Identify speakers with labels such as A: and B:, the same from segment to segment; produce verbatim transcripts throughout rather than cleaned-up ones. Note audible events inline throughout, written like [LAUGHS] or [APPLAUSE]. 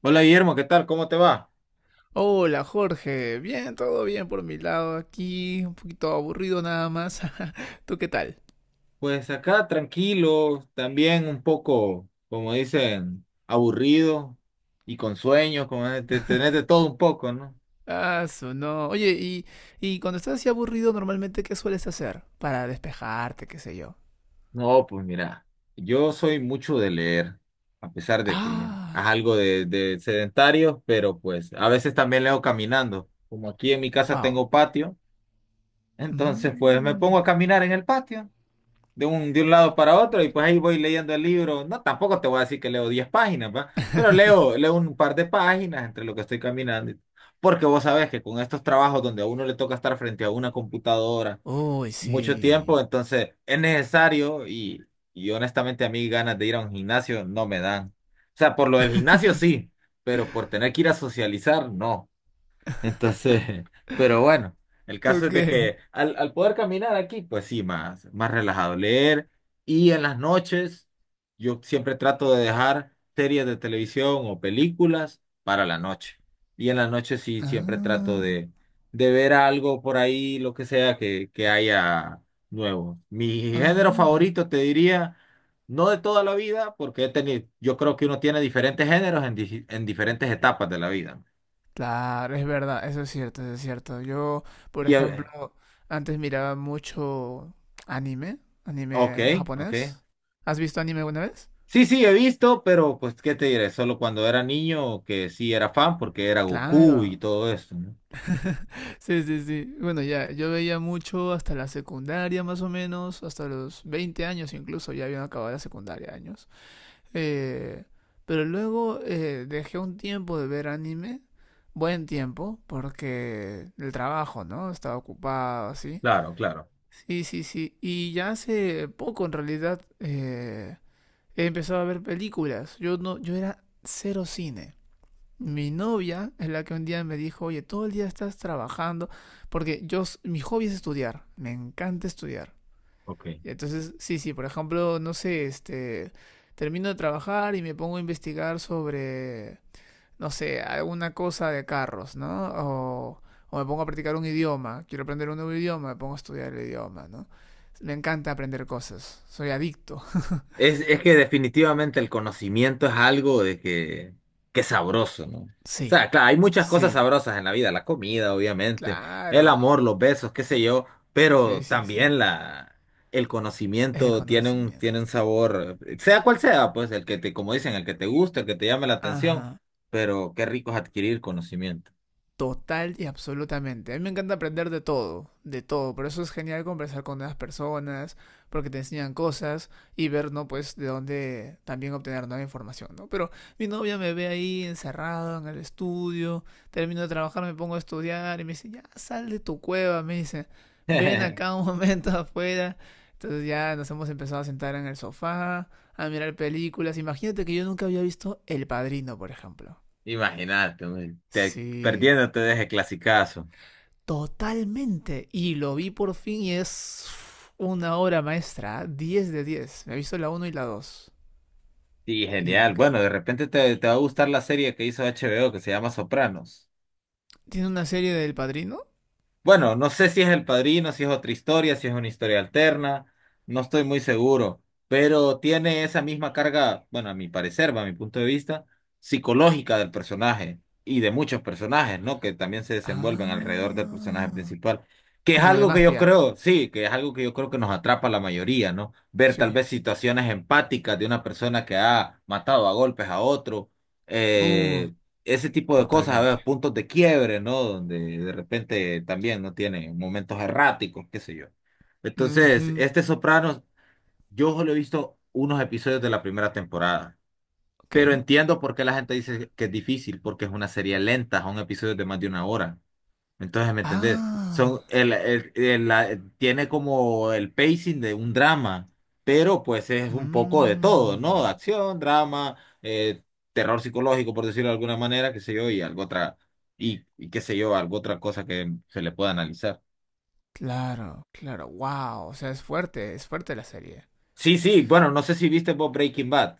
A: Hola Guillermo, ¿qué tal? ¿Cómo te va?
B: Hola Jorge, bien, todo bien por mi lado aquí, un poquito aburrido nada más. [LAUGHS] ¿Tú qué tal?
A: Pues acá tranquilo, también un poco, como dicen, aburrido y con sueños, como de- de tener de
B: [LAUGHS]
A: todo un poco, ¿no?
B: Ah, su no. Oye, y, y cuando estás así aburrido, normalmente, ¿qué sueles hacer para despejarte, qué sé yo?
A: No, pues mira, yo soy mucho de leer, a pesar de que es
B: Ah,
A: algo de, de sedentario, pero pues a veces también leo caminando. Como aquí en mi casa
B: wow.
A: tengo patio, [LAUGHS] entonces pues me pongo
B: Mm.
A: a caminar en el patio. de un, de un lado para otro y pues ahí voy leyendo el libro. No, tampoco te voy a decir que leo diez páginas, ¿va? Pero
B: [LAUGHS]
A: leo, leo un par de páginas entre lo que estoy caminando. y- Porque vos sabés que con estos trabajos donde a uno le toca estar frente a una computadora
B: Uy,
A: mucho
B: sí.
A: tiempo, entonces es necesario y, y honestamente a mí ganas de ir a un gimnasio no me dan. O sea, por lo del gimnasio
B: [LAUGHS]
A: sí, pero por tener que ir a socializar, no. Entonces, [LAUGHS] pero bueno, el caso es
B: Ok.
A: de que al, al poder caminar aquí, pues sí, más, más relajado leer. Y en las noches, yo siempre trato de dejar series de televisión o películas para la noche. Y en las noches sí, siempre trato
B: Ah,
A: de, de ver algo por ahí, lo que sea que, que haya nuevo. Mi
B: ah,
A: género
B: mira.
A: favorito, te diría, no de toda la vida, porque he tenido, yo creo que uno tiene diferentes géneros en, di- en diferentes etapas de la vida.
B: Claro, es verdad, eso es cierto, eso es cierto. Yo, por
A: Y, eh,
B: ejemplo, antes miraba mucho anime,
A: Ok,
B: anime
A: ok.
B: japonés. ¿Has visto anime alguna vez?
A: Sí, sí, he visto, pero pues, ¿qué te diré? Solo cuando era niño que sí era fan porque era Goku y
B: Claro.
A: todo eso, ¿no?
B: Sí, sí, sí. Bueno, ya, yo veía mucho hasta la secundaria más o menos, hasta los veinte años incluso, ya habían acabado la secundaria años. Eh, pero luego eh, dejé un tiempo de ver anime, buen tiempo, porque el trabajo, ¿no? Estaba ocupado, así.
A: Claro, claro.
B: Sí, sí, sí. Y ya hace poco en realidad eh, he empezado a ver películas. Yo no, yo era cero cine. Mi novia es la que un día me dijo, oye, todo el día estás trabajando, porque yo, s- mi hobby es estudiar, me encanta estudiar.
A: Ok.
B: Y entonces, sí, sí, por ejemplo, no sé, este, termino de trabajar y me pongo a investigar sobre no sé, alguna cosa de carros, ¿no? O, o me pongo a practicar un idioma, quiero aprender un nuevo idioma, me pongo a estudiar el idioma, ¿no? Me encanta aprender cosas, soy adicto.
A: Es, es que definitivamente el conocimiento es algo de que, que es sabroso, ¿no? O
B: Sí.
A: sea, claro, hay muchas cosas
B: Sí,
A: sabrosas en la vida, la comida, obviamente, el
B: claro.
A: amor, los besos, qué sé yo,
B: Sí,
A: pero
B: sí, sí.
A: también la, el
B: El
A: conocimiento tiene un, tiene un
B: conocimiento.
A: sabor, sea cual sea, pues el que te, como dicen, el que te guste, el que te llame la atención,
B: Ajá.
A: pero qué rico es adquirir conocimiento.
B: Total y absolutamente. A mí me encanta aprender de todo, de todo. Por eso es genial conversar con nuevas personas, porque te enseñan cosas y ver, ¿no? Pues de dónde también obtener nueva información, ¿no? Pero mi novia me ve ahí encerrado en el estudio, termino de trabajar, me pongo a estudiar y me dice, ya sal de tu cueva, me dice, ven acá
A: [LAUGHS]
B: un [LAUGHS] momento afuera. Entonces ya nos hemos empezado a sentar en el sofá, a mirar películas. Imagínate que yo nunca había visto El Padrino, por ejemplo.
A: Imagínate, hombre, te,
B: Sí,
A: perdiéndote de ese clasicazo.
B: totalmente. Y lo vi por fin y es una obra maestra. Diez de diez. Me he visto la uno y la dos.
A: Sí, genial. Bueno,
B: Increíble.
A: de repente te, te va a gustar la serie que hizo H B O que se llama Sopranos.
B: ¿Tiene una serie del padrino?
A: Bueno, no sé si es El Padrino, si es otra historia, si es una historia alterna, no estoy muy seguro, pero tiene esa misma carga, bueno, a mi parecer, va a mi punto de vista, psicológica del personaje y de muchos personajes, ¿no? Que también se desenvuelven alrededor del personaje
B: Ah.
A: principal, que es
B: Como de
A: algo que yo
B: mafia.
A: creo, sí, que es algo que yo creo que nos atrapa a la mayoría, ¿no? Ver tal
B: Sí.
A: vez situaciones empáticas de una persona que ha matado a golpes a otro.
B: Uh,
A: eh, Ese tipo de cosas, a ver,
B: totalmente.
A: puntos de quiebre, ¿no? Donde de repente también no tiene momentos erráticos, qué sé yo. Entonces,
B: Ujú,
A: este Sopranos, yo solo he visto unos episodios de la primera temporada,
B: ok.
A: pero entiendo por qué la gente dice que es difícil, porque es una serie lenta, son episodios de más de una hora. Entonces, ¿me entendés?
B: Ah.
A: Son el, el- el- la- Tiene como el pacing de un drama, pero pues es un poco de todo, ¿no?
B: Mm,
A: Acción, drama, eh, terror psicológico, por decirlo de alguna manera, qué sé yo, y algo otra, y, y qué sé yo, algo otra cosa que se le pueda analizar.
B: claro, claro. Wow. O sea, es fuerte. Es fuerte la serie.
A: Sí, sí, bueno, no sé si viste vos Breaking Bad.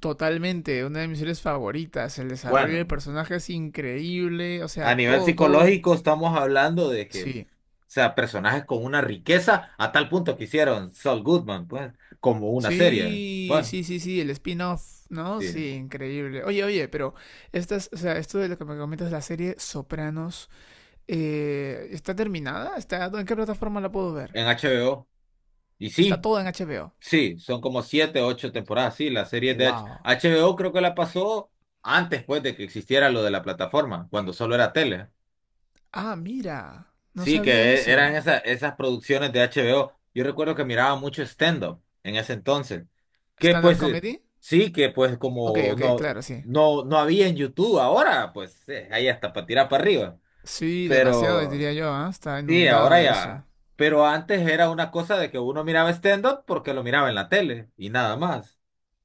B: Totalmente. Una de mis series favoritas. El desarrollo de
A: Bueno,
B: personajes increíble. O
A: a
B: sea,
A: nivel
B: todo, todo.
A: psicológico estamos hablando de que, o
B: Sí,
A: sea, personajes con una riqueza a tal punto que hicieron Saul Goodman, pues, como una serie.
B: sí,
A: Bueno.
B: sí, sí, sí, el spin-off, ¿no?
A: Sí.
B: Sí, increíble. Oye, oye, pero estas, o sea, esto de lo que me comentas, la serie Sopranos, eh, ¿está terminada? ¿Está, ¿en qué plataforma la puedo ver?
A: En H B O. Y
B: Está
A: sí,
B: toda en H B O.
A: sí, son como siete, ocho temporadas. Sí, la serie de H-
B: Wow.
A: HBO creo que la pasó antes, pues, de que existiera lo de la plataforma, cuando solo era tele.
B: Ah, mira, no
A: Sí, que
B: sabía
A: e- eran
B: eso.
A: esa- esas producciones de H B O. Yo recuerdo que miraba mucho stand-up en ese entonces. Que
B: ¿Stand-up
A: pues, eh,
B: comedy?
A: sí, que pues
B: Ok,
A: como
B: ok,
A: no,
B: claro, sí.
A: no, no había en YouTube ahora, pues eh, ahí hasta para tirar para arriba.
B: Sí, demasiado
A: Pero.
B: diría yo, ¿ah? Está
A: Sí,
B: inundado
A: ahora
B: de eso.
A: ya. Pero antes era una cosa de que uno miraba stand-up porque lo miraba en la tele y nada más.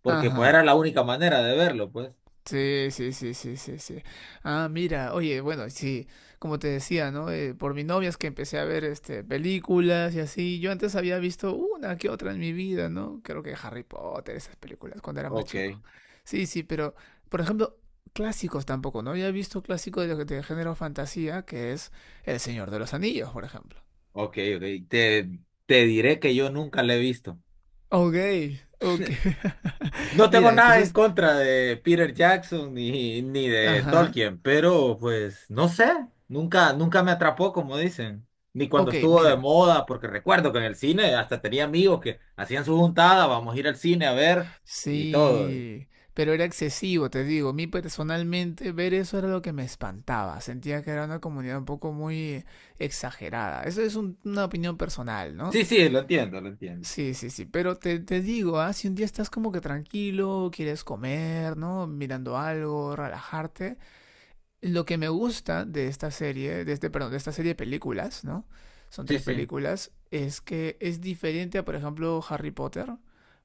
A: Porque pues
B: Ajá.
A: era la única manera de verlo, pues.
B: Sí, sí, sí, sí, sí, sí. Ah, mira, oye, bueno, sí, como te decía, ¿no? Eh, por mi novia es que empecé a ver este películas y así. Yo antes había visto una que otra en mi vida, ¿no? Creo que Harry Potter, esas películas, cuando era más
A: Ok,
B: chico. Sí, sí, pero, por ejemplo, clásicos tampoco, ¿no? Había visto clásico de lo que te género fantasía, que es El Señor de los Anillos, por ejemplo.
A: ok, ok. Te, te diré que yo nunca lo he visto.
B: Ok, ok.
A: [LAUGHS] No
B: [LAUGHS]
A: tengo
B: Mira,
A: nada en
B: entonces,
A: contra de Peter Jackson ni, ni de
B: ajá.
A: Tolkien, pero pues no sé, nunca, nunca me atrapó, como dicen. Ni cuando
B: Ok,
A: estuvo de
B: mira.
A: moda, porque recuerdo que en el cine hasta tenía amigos que hacían su juntada, vamos a ir al cine a ver y todo.
B: Sí, pero era excesivo, te digo. A mí personalmente ver eso era lo que me espantaba. Sentía que era una comunidad un poco muy exagerada. Eso es un- una opinión personal, ¿no?
A: Sí, sí, lo entiendo, lo entiendo.
B: Sí, sí, sí. Pero te, te digo, ah, si un día estás como que tranquilo, quieres comer, ¿no? Mirando algo, relajarte. Lo que me gusta de esta serie, de este, perdón, de esta serie de películas, ¿no? Son
A: Sí,
B: tres
A: sí.
B: películas, es que es diferente a, por ejemplo, Harry Potter,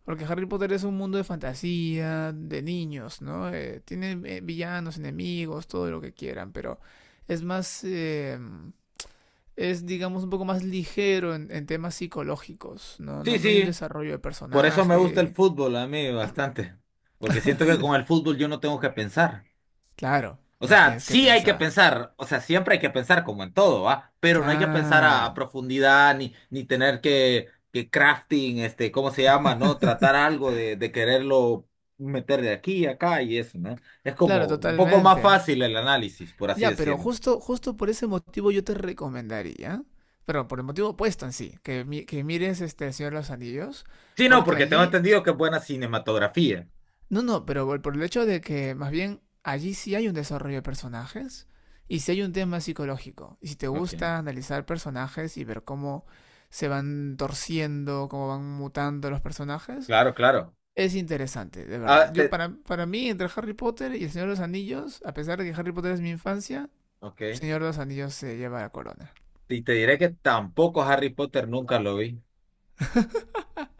B: porque Harry Potter es un mundo de fantasía, de niños, ¿no? Eh, tienen eh, villanos, enemigos, todo lo que quieran, pero es más, eh, es digamos un poco más ligero en, en, temas psicológicos, ¿no?
A: Sí,
B: ¿no? No hay un
A: sí,
B: desarrollo de
A: por eso me gusta el
B: personaje.
A: fútbol a mí bastante, porque siento que con el
B: [LAUGHS]
A: fútbol yo no tengo que pensar.
B: Claro,
A: O
B: no
A: sea,
B: tienes que
A: sí hay que
B: pensar.
A: pensar, o sea, siempre hay que pensar como en todo, ¿va? Pero no hay que pensar a, a
B: Claro,
A: profundidad ni, ni tener que, que crafting, este, ¿cómo se llama? ¿No? Tratar algo de, de quererlo meter de aquí a acá y eso, ¿no? Es
B: claro,
A: como un poco más
B: totalmente.
A: fácil el análisis, por así
B: Ya, pero
A: decirlo.
B: justo, justo por ese motivo yo te recomendaría, pero por el motivo opuesto en sí, que, mi- que mires este El Señor de los Anillos,
A: Sí, no,
B: porque
A: porque tengo
B: allí,
A: entendido que es buena cinematografía.
B: no, no, pero por por el hecho de que más bien allí sí hay un desarrollo de personajes y sí hay un tema psicológico. Y si te
A: Ok,
B: gusta analizar personajes y ver cómo se van torciendo, cómo van mutando los personajes,
A: claro, claro.
B: es interesante, de verdad.
A: Ah,
B: Yo
A: te,
B: para, para mí, entre Harry Potter y El Señor de los Anillos, a pesar de que Harry Potter es mi infancia,
A: ok.
B: Señor de los Anillos se lleva la corona.
A: Y te diré que tampoco Harry Potter nunca lo vi.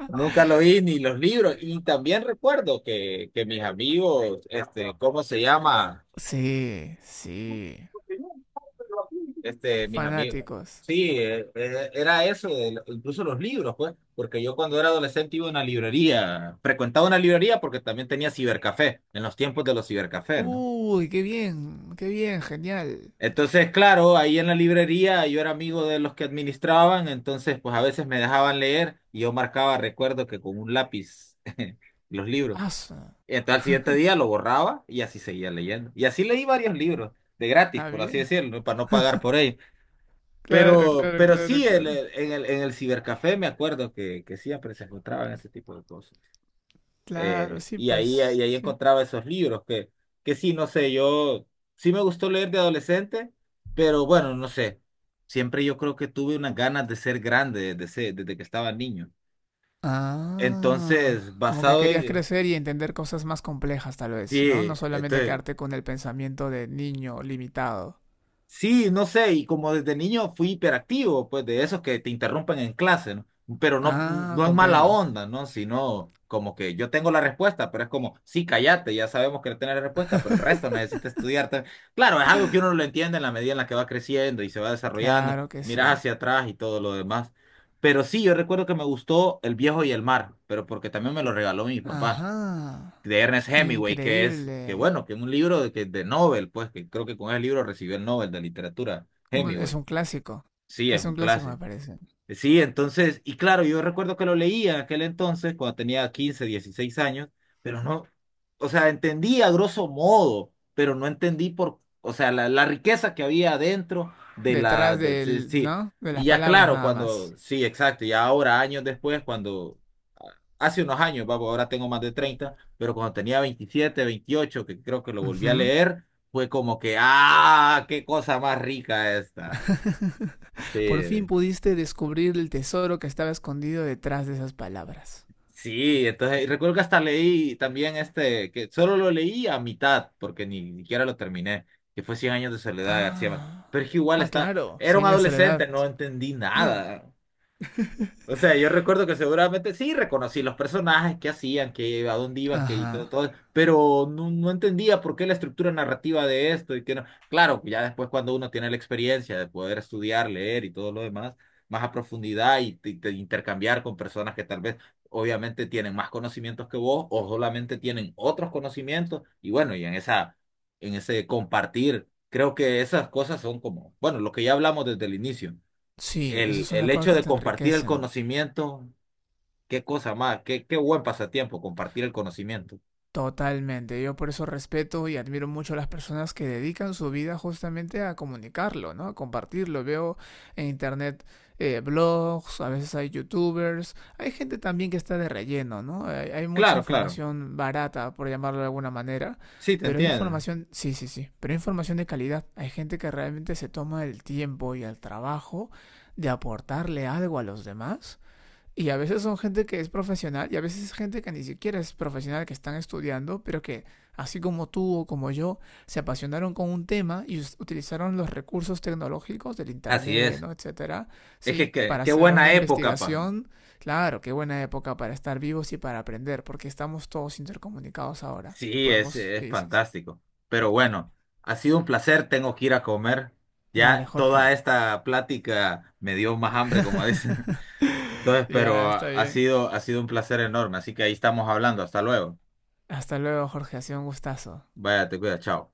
A: Nunca lo vi ni los libros. Y también recuerdo que, que mis amigos, este, ¿cómo se llama?
B: Sí, sí.
A: Este, mis amigos.
B: Fanáticos.
A: Sí, eh, eh, era eso, de lo- incluso los libros, pues, porque yo cuando era adolescente iba a una librería, frecuentaba una librería porque también tenía cibercafé, en los tiempos de los cibercafés, ¿no?
B: Uy, qué bien, qué bien, genial.
A: Entonces, claro, ahí en la librería yo era amigo de los que administraban, entonces pues a veces me dejaban leer y yo marcaba, recuerdo que con un lápiz [LAUGHS] los libros.
B: Asa.
A: Y entonces al siguiente
B: [LAUGHS]
A: día lo borraba y así seguía leyendo. Y así leí varios libros, de gratis,
B: Ah,
A: por así
B: bien.
A: decirlo, ¿no? Para no pagar por ellos.
B: Claro,
A: Pero,
B: claro,
A: pero
B: claro,
A: sí, en
B: claro.
A: el, en el, en el cibercafé me acuerdo que, que siempre se encontraban ese tipo de cosas.
B: Claro,
A: Eh,
B: sí,
A: y ahí, y
B: pues,
A: ahí
B: sí.
A: encontraba esos libros que, que sí, no sé, yo sí me gustó leer de adolescente, pero bueno, no sé. Siempre yo creo que tuve unas ganas de ser grande desde, ese- desde que estaba niño. Entonces,
B: Ah, como que
A: basado
B: querías
A: en...
B: crecer y entender cosas más complejas, tal vez, ¿no?
A: Sí,
B: No solamente
A: entonces
B: quedarte con el pensamiento de niño limitado.
A: Sí, no sé, y como desde niño fui hiperactivo, pues de esos que te interrumpen en clase, ¿no? Pero no,
B: Ah,
A: no es mala
B: comprendo.
A: onda, ¿no? Sino como que yo tengo la respuesta, pero es como, sí, cállate, ya sabemos que no tienes la respuesta, pero el resto necesita estudiar también. Claro, es algo que uno lo entiende en la medida en la que va creciendo y se va desarrollando,
B: Claro que
A: miras
B: sí.
A: hacia atrás y todo lo demás. Pero sí, yo recuerdo que me gustó El Viejo y el Mar, pero porque también me lo regaló mi papá
B: Ajá.
A: de Ernest Hemingway, que es, que
B: Increíble.
A: bueno, que es un libro de, que, de Nobel, pues, que creo que con ese libro recibió el Nobel de literatura,
B: Mm, es
A: Hemingway.
B: un clásico.
A: Sí, es
B: Es
A: un
B: un clásico, me
A: clásico.
B: parece.
A: Sí, entonces, y claro, yo recuerdo que lo leía en aquel entonces, cuando tenía quince dieciséis años, pero no, o sea, entendí a grosso modo, pero no entendí por, o sea, la, la riqueza que había dentro de la,
B: Detrás
A: de- sí,
B: del,
A: sí.
B: ¿no? De
A: Y
B: las
A: ya
B: palabras
A: claro,
B: nada
A: cuando,
B: más.
A: sí, exacto, ya ahora, años después, cuando hace unos años, papo, ahora tengo más de treinta pero cuando tenía veintisiete veintiocho que creo que lo volví a
B: Ujú.
A: leer, fue como que, ah, qué cosa más rica esta.
B: Por fin
A: Sí,
B: pudiste descubrir el tesoro que estaba escondido detrás de esas palabras.
A: sí, entonces y recuerdo que hasta leí también este, que solo lo leí a mitad, porque ni ni siquiera lo terminé, que fue Cien años de soledad de García Márquez.
B: Ah,
A: Pero es que igual
B: ah,
A: está,
B: claro,
A: era un
B: cien años de soledad.
A: adolescente, no entendí
B: [CLEARS THROAT]
A: nada. O
B: [COUGHS]
A: sea, yo recuerdo que seguramente sí reconocí los personajes, qué hacían, que a dónde iban, que y todo,
B: Ajá.
A: todo, pero no, no entendía por qué la estructura narrativa de esto y que no. Claro, pues ya después cuando uno tiene la experiencia de poder estudiar, leer y todo lo demás, más a profundidad y, te- te intercambiar con personas que tal vez obviamente tienen más conocimientos que vos o solamente tienen otros conocimientos y bueno, y en esa, en ese compartir, creo que esas cosas son como, bueno, lo que ya hablamos desde el inicio
B: Sí,
A: el,
B: esas son
A: el
B: las cosas
A: hecho
B: que
A: de
B: te
A: compartir el
B: enriquecen.
A: conocimiento, qué cosa más, qué, qué buen pasatiempo compartir el conocimiento.
B: Totalmente, yo por eso respeto y admiro mucho a las personas que dedican su vida justamente a comunicarlo, ¿no? A compartirlo. Veo en internet eh, blogs, a veces hay youtubers, hay gente también que está de relleno, ¿no? Hay, hay mucha
A: Claro, claro.
B: información barata, por llamarlo de alguna manera,
A: Sí, te
B: pero hay
A: entiendo.
B: información, sí, sí, sí, pero hay información de calidad. Hay gente que realmente se toma el tiempo y el trabajo de aportarle algo a los demás y a veces son gente que es profesional y a veces es gente que ni siquiera es profesional, que están estudiando, pero que así como tú o como yo, se apasionaron con un tema y utilizaron los recursos tecnológicos del
A: Así
B: Internet,
A: es.
B: ¿no? Etcétera.
A: Es que
B: Sí,
A: que-
B: para
A: qué,
B: hacer una
A: buena época, pa.
B: investigación. Claro, qué buena época para estar vivos y para aprender, porque estamos todos intercomunicados ahora y
A: Sí, es,
B: podemos.
A: es
B: Sí, sí, sí.
A: fantástico. Pero bueno, ha sido un placer, tengo que ir a comer.
B: Dale,
A: Ya toda
B: Jorge.
A: esta plática me dio más hambre, como dicen. [LAUGHS]
B: [LAUGHS]
A: Entonces,
B: Ya,
A: pero
B: está
A: ha
B: bien.
A: sido, ha sido un placer enorme. Así que ahí estamos hablando. Hasta luego.
B: Hasta luego, Jorge. Ha sido un gustazo.
A: Vaya, te cuida, chao.